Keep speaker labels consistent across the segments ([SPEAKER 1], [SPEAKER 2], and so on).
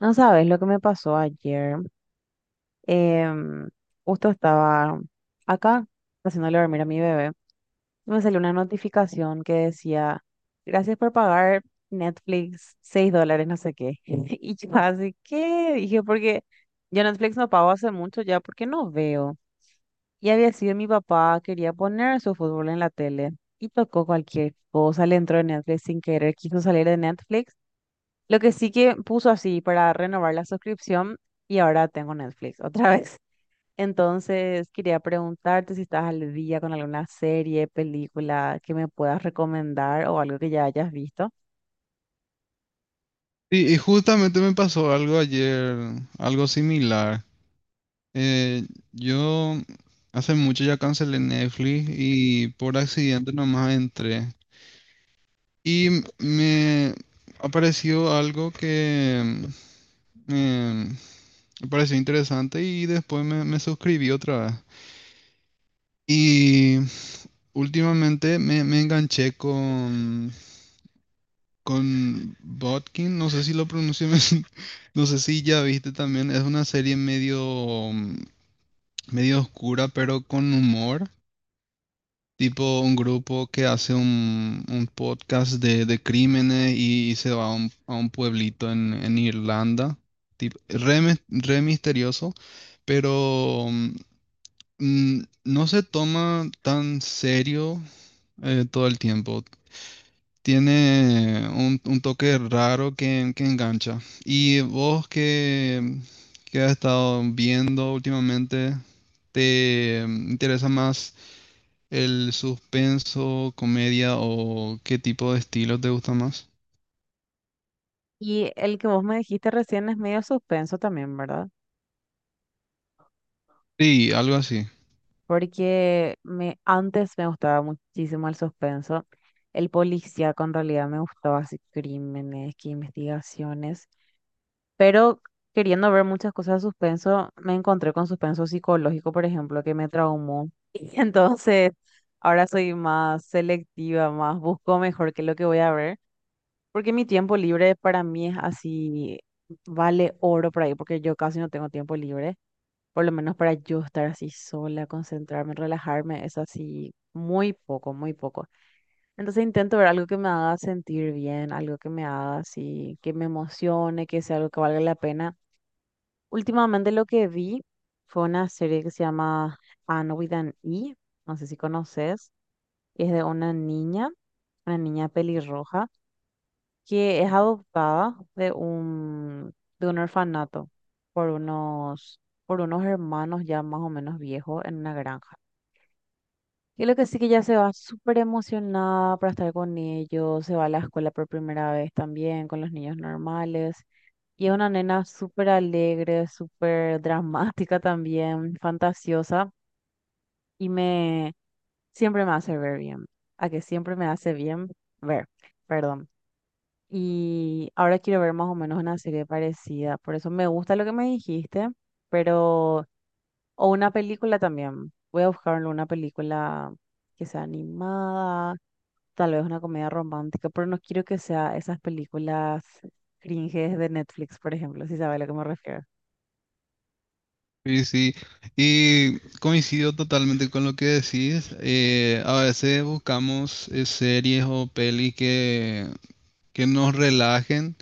[SPEAKER 1] No sabes lo que me pasó ayer. Em, Justo estaba acá haciéndole dormir a mi bebé. Y me salió una notificación que decía, gracias por pagar Netflix $6, no sé qué. Y yo así, ¿qué? Dije, porque yo Netflix no pago hace mucho ya porque no veo. Y había sido mi papá, quería poner su fútbol en la tele. Y tocó cualquier cosa, le entró en Netflix sin querer, quiso salir de Netflix lo que sí que puso así para renovar la suscripción y ahora tengo Netflix otra vez. Entonces, quería preguntarte si estás al día con alguna serie, película que me puedas recomendar o algo que ya hayas visto.
[SPEAKER 2] Y justamente me pasó algo ayer, algo similar. Eh, yo hace mucho ya cancelé Netflix y por accidente nomás entré. Y me apareció algo que me, me pareció interesante y después me suscribí otra vez. Y últimamente me enganché con Botkin, no sé si lo pronuncié bien, no sé si ya viste también. Es una serie medio, medio oscura, pero con humor, tipo un grupo que hace un podcast de crímenes y se va a a un pueblito en Irlanda, tipo, re, re misterioso, pero no se toma tan serio todo el tiempo. Tiene un toque raro que engancha. ¿Y vos que has estado viendo últimamente? ¿Te interesa más el suspenso, comedia o qué tipo de estilo te gusta más?
[SPEAKER 1] Y el que vos me dijiste recién es medio suspenso también, ¿verdad?
[SPEAKER 2] Sí, algo así.
[SPEAKER 1] Porque me, antes me gustaba muchísimo el suspenso. El policía con realidad me gustaba así crímenes, que investigaciones. Pero queriendo ver muchas cosas de suspenso, me encontré con suspenso psicológico, por ejemplo, que me traumó. Y entonces ahora soy más selectiva, más busco mejor qué es lo que voy a ver, porque mi tiempo libre para mí es así, vale oro por ahí, porque yo casi no tengo tiempo libre, por lo menos para yo estar así sola, concentrarme, relajarme, es así muy poco, muy poco. Entonces intento ver algo que me haga sentir bien, algo que me haga así, que me emocione, que sea algo que valga la pena. Últimamente lo que vi fue una serie que se llama Anne with an E, no sé si conoces, es de una niña pelirroja, que es adoptada de un, orfanato por unos, por unos hermanos ya más o menos viejos en una granja. Y lo que sí que ya se va súper emocionada para estar con ellos, se va a la escuela por primera vez también con los niños normales. Y es una nena súper alegre, súper dramática también, fantasiosa. Y me Siempre me hace ver bien. A que siempre me hace bien ver, perdón. Y ahora quiero ver más o menos una serie parecida. Por eso me gusta lo que me dijiste, pero. O una película también. Voy a buscar una película que sea animada tal vez una comedia romántica, pero no quiero que sea esas películas cringes de Netflix, por ejemplo, si sabe a lo que me refiero.
[SPEAKER 2] Sí, sí. Y coincido totalmente con lo que decís. A veces buscamos series o pelis que nos relajen.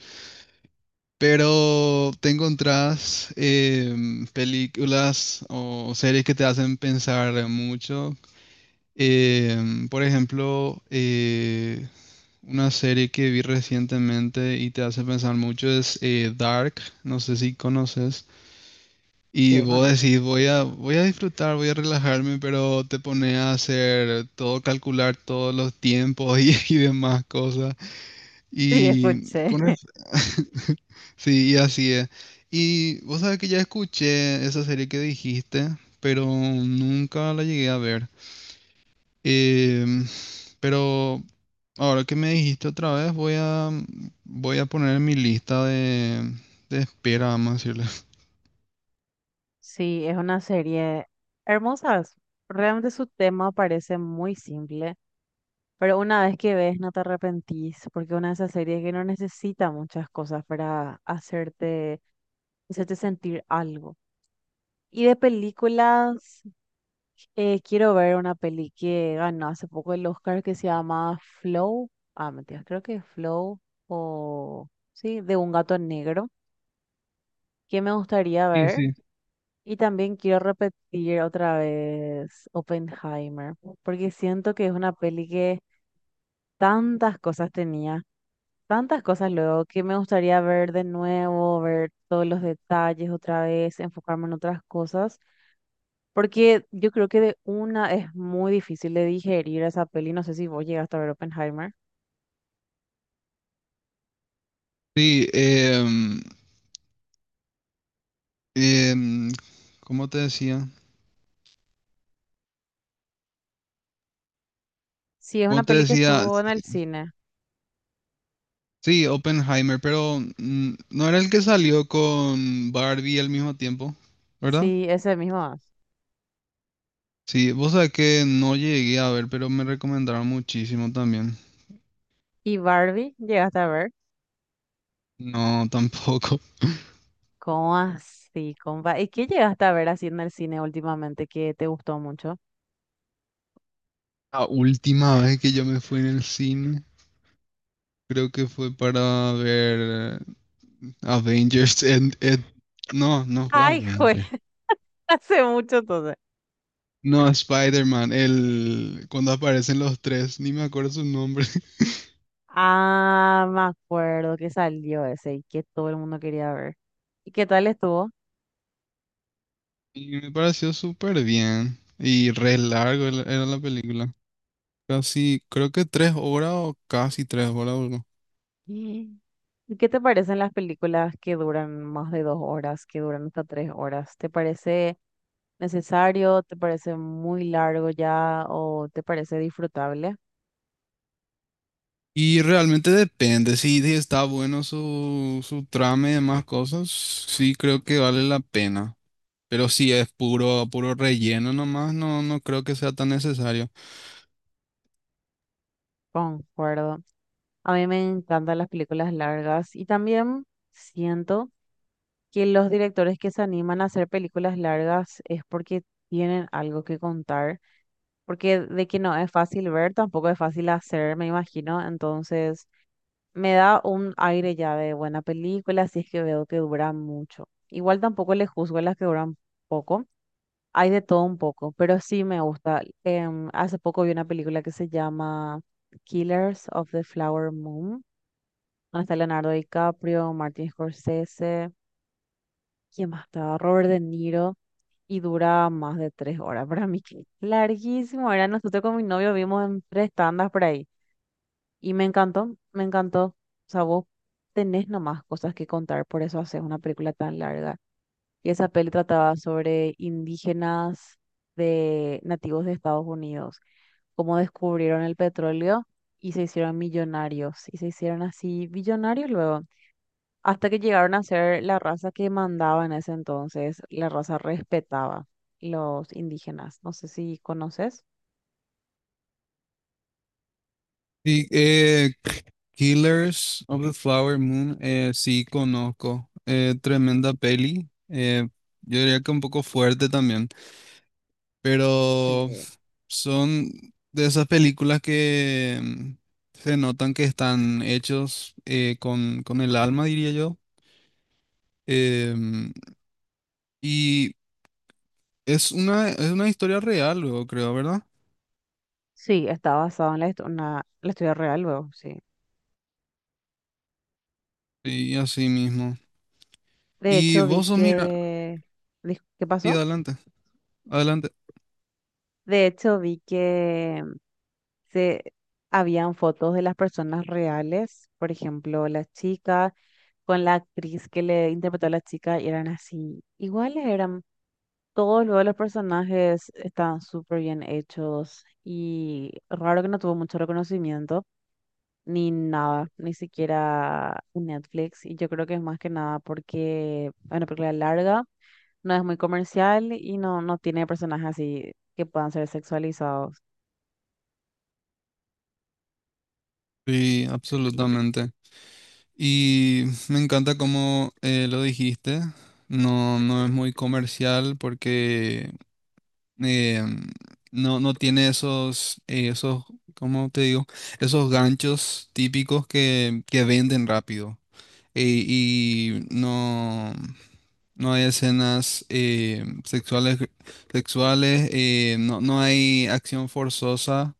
[SPEAKER 2] Pero te encontrás películas o series que te hacen pensar mucho. Por ejemplo, una serie que vi recientemente y te hace pensar mucho es Dark, no sé si conoces. Y
[SPEAKER 1] Sí,
[SPEAKER 2] vos
[SPEAKER 1] conozco.
[SPEAKER 2] decís, voy a disfrutar, voy a relajarme, pero te pone a hacer todo, calcular todos los tiempos y, y demás cosas.
[SPEAKER 1] Sí,
[SPEAKER 2] Y
[SPEAKER 1] escuché.
[SPEAKER 2] con eso, sí, y así es. Y vos sabés que ya escuché esa serie que dijiste, pero nunca la llegué a ver. Em, pero ahora que me dijiste otra vez, voy a poner en mi lista de espera, vamos a decirle.
[SPEAKER 1] Sí, es una serie hermosa. Realmente su tema parece muy simple, pero una vez que ves no te arrepentís, porque es una de esas series que no necesita muchas cosas para hacerte sentir algo. Y de películas, quiero ver una peli que ganó hace poco el Oscar que se llama Flow. Ah, mentira, creo que es Flow o sí, de un gato negro, que me gustaría
[SPEAKER 2] Sí,
[SPEAKER 1] ver.
[SPEAKER 2] sí.
[SPEAKER 1] Y también quiero repetir otra vez Oppenheimer, porque siento que es una peli que tantas cosas tenía, tantas cosas luego, que me gustaría ver de nuevo, ver todos los detalles otra vez, enfocarme en otras cosas. Porque yo creo que de una es muy difícil de digerir esa peli. No sé si vos llegaste a ver Oppenheimer.
[SPEAKER 2] Sí, em, ¿cómo te decía?
[SPEAKER 1] Sí, es
[SPEAKER 2] ¿Cómo
[SPEAKER 1] una
[SPEAKER 2] te
[SPEAKER 1] peli que
[SPEAKER 2] decía?
[SPEAKER 1] estuvo en el cine.
[SPEAKER 2] Sí, Oppenheimer, pero no era el que salió con Barbie al mismo tiempo, ¿verdad?
[SPEAKER 1] Sí, ese mismo es.
[SPEAKER 2] Sí, vos sabés que no llegué a ver, pero me recomendaron muchísimo también.
[SPEAKER 1] ¿Y Barbie llegaste a ver?
[SPEAKER 2] No, tampoco.
[SPEAKER 1] ¿Cómo así, compa? ¿Y qué llegaste a ver así en el cine últimamente que te gustó mucho?
[SPEAKER 2] La última vez que yo me fui en el cine, creo que fue para ver Avengers No, no fue
[SPEAKER 1] Ay, juez,
[SPEAKER 2] Avengers.
[SPEAKER 1] hace mucho entonces.
[SPEAKER 2] No, Spider-Man, el cuando aparecen los tres, ni me acuerdo su nombre.
[SPEAKER 1] Ah, me acuerdo que salió ese y que todo el mundo quería ver. ¿Y qué tal estuvo?
[SPEAKER 2] Y me pareció súper bien. Y re largo era la película. Casi, creo que tres horas o casi tres horas duró.
[SPEAKER 1] Mm. ¿Y qué te parecen las películas que duran más de 2 horas, que duran hasta 3 horas? ¿Te parece necesario? ¿Te parece muy largo ya? ¿O te parece disfrutable?
[SPEAKER 2] Y realmente depende, si está bueno su trama y demás cosas, sí creo que vale la pena. Pero si es puro relleno nomás, no, no creo que sea tan necesario.
[SPEAKER 1] Concuerdo. A mí me encantan las películas largas y también siento que los directores que se animan a hacer películas largas es porque tienen algo que contar, porque de que no es fácil ver, tampoco es fácil hacer, me imagino. Me da un aire ya de buena película si es que veo que dura mucho. Igual tampoco le juzgo a las que duran poco. Hay de todo un poco, pero sí me gusta. Hace poco vi una película que se llama Killers of the Flower Moon, donde está Leonardo DiCaprio, Martin Scorsese, ¿quién más estaba? Robert De Niro, y dura más de 3 horas. Para mí que larguísimo era. Nosotros con mi novio vimos en tres tandas por ahí. Y me encantó, me encantó. O sea, vos tenés nomás cosas que contar, por eso haces una película tan larga. Y esa peli trataba sobre indígenas de nativos de Estados Unidos, cómo descubrieron el petróleo y se hicieron millonarios. Y se hicieron así billonarios luego, hasta que llegaron a ser la raza que mandaba en ese entonces, la raza respetaba los indígenas. No sé si conoces.
[SPEAKER 2] Y Killers of the Flower Moon, sí conozco. Tremenda peli. Yo diría que un poco fuerte también,
[SPEAKER 1] Sí.
[SPEAKER 2] pero son de esas películas que se notan que están hechos con el alma, diría yo. Em, y es una historia real, luego creo, ¿verdad?
[SPEAKER 1] Sí, está basado en la, la historia real luego, sí.
[SPEAKER 2] Sí, así mismo.
[SPEAKER 1] De
[SPEAKER 2] Y
[SPEAKER 1] hecho, vi
[SPEAKER 2] vos sos, mira,
[SPEAKER 1] que... dis- ¿Qué
[SPEAKER 2] sí,
[SPEAKER 1] pasó?
[SPEAKER 2] adelante, adelante.
[SPEAKER 1] De hecho, vi que se habían fotos de las personas reales, por ejemplo, la chica con la actriz que le interpretó a la chica y eran así, iguales eran. Todos luego los personajes estaban súper bien hechos y raro que no tuvo mucho reconocimiento, ni nada, ni siquiera en Netflix. Y yo creo que es más que nada porque es una película larga no es muy comercial y no, no tiene personajes así que puedan ser sexualizados.
[SPEAKER 2] Sí, absolutamente. Y me encanta cómo lo dijiste. No, no es muy comercial porque eh, no, no tiene esos, esos, ¿cómo te digo? Esos ganchos típicos que venden rápido. Y no, no hay escenas sexuales, sexuales no, no hay acción forzosa,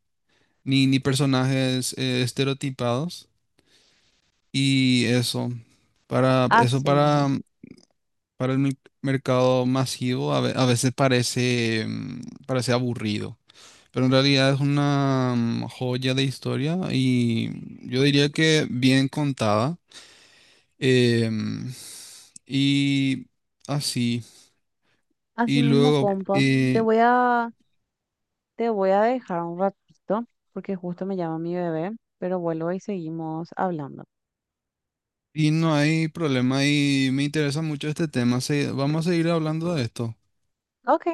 [SPEAKER 2] ni, ni personajes estereotipados. Y eso, para, eso
[SPEAKER 1] Así mismo,
[SPEAKER 2] para el mercado masivo a veces parece, parece aburrido. Pero en realidad es una joya de historia y yo diría que bien contada. em, y así.
[SPEAKER 1] así
[SPEAKER 2] Y
[SPEAKER 1] mismo,
[SPEAKER 2] luego,
[SPEAKER 1] compa.
[SPEAKER 2] eh,
[SPEAKER 1] Te voy a dejar un ratito porque justo me llama mi bebé, pero vuelvo y seguimos hablando.
[SPEAKER 2] y no hay problema y me interesa mucho este tema. Vamos a seguir hablando de esto.
[SPEAKER 1] Ok.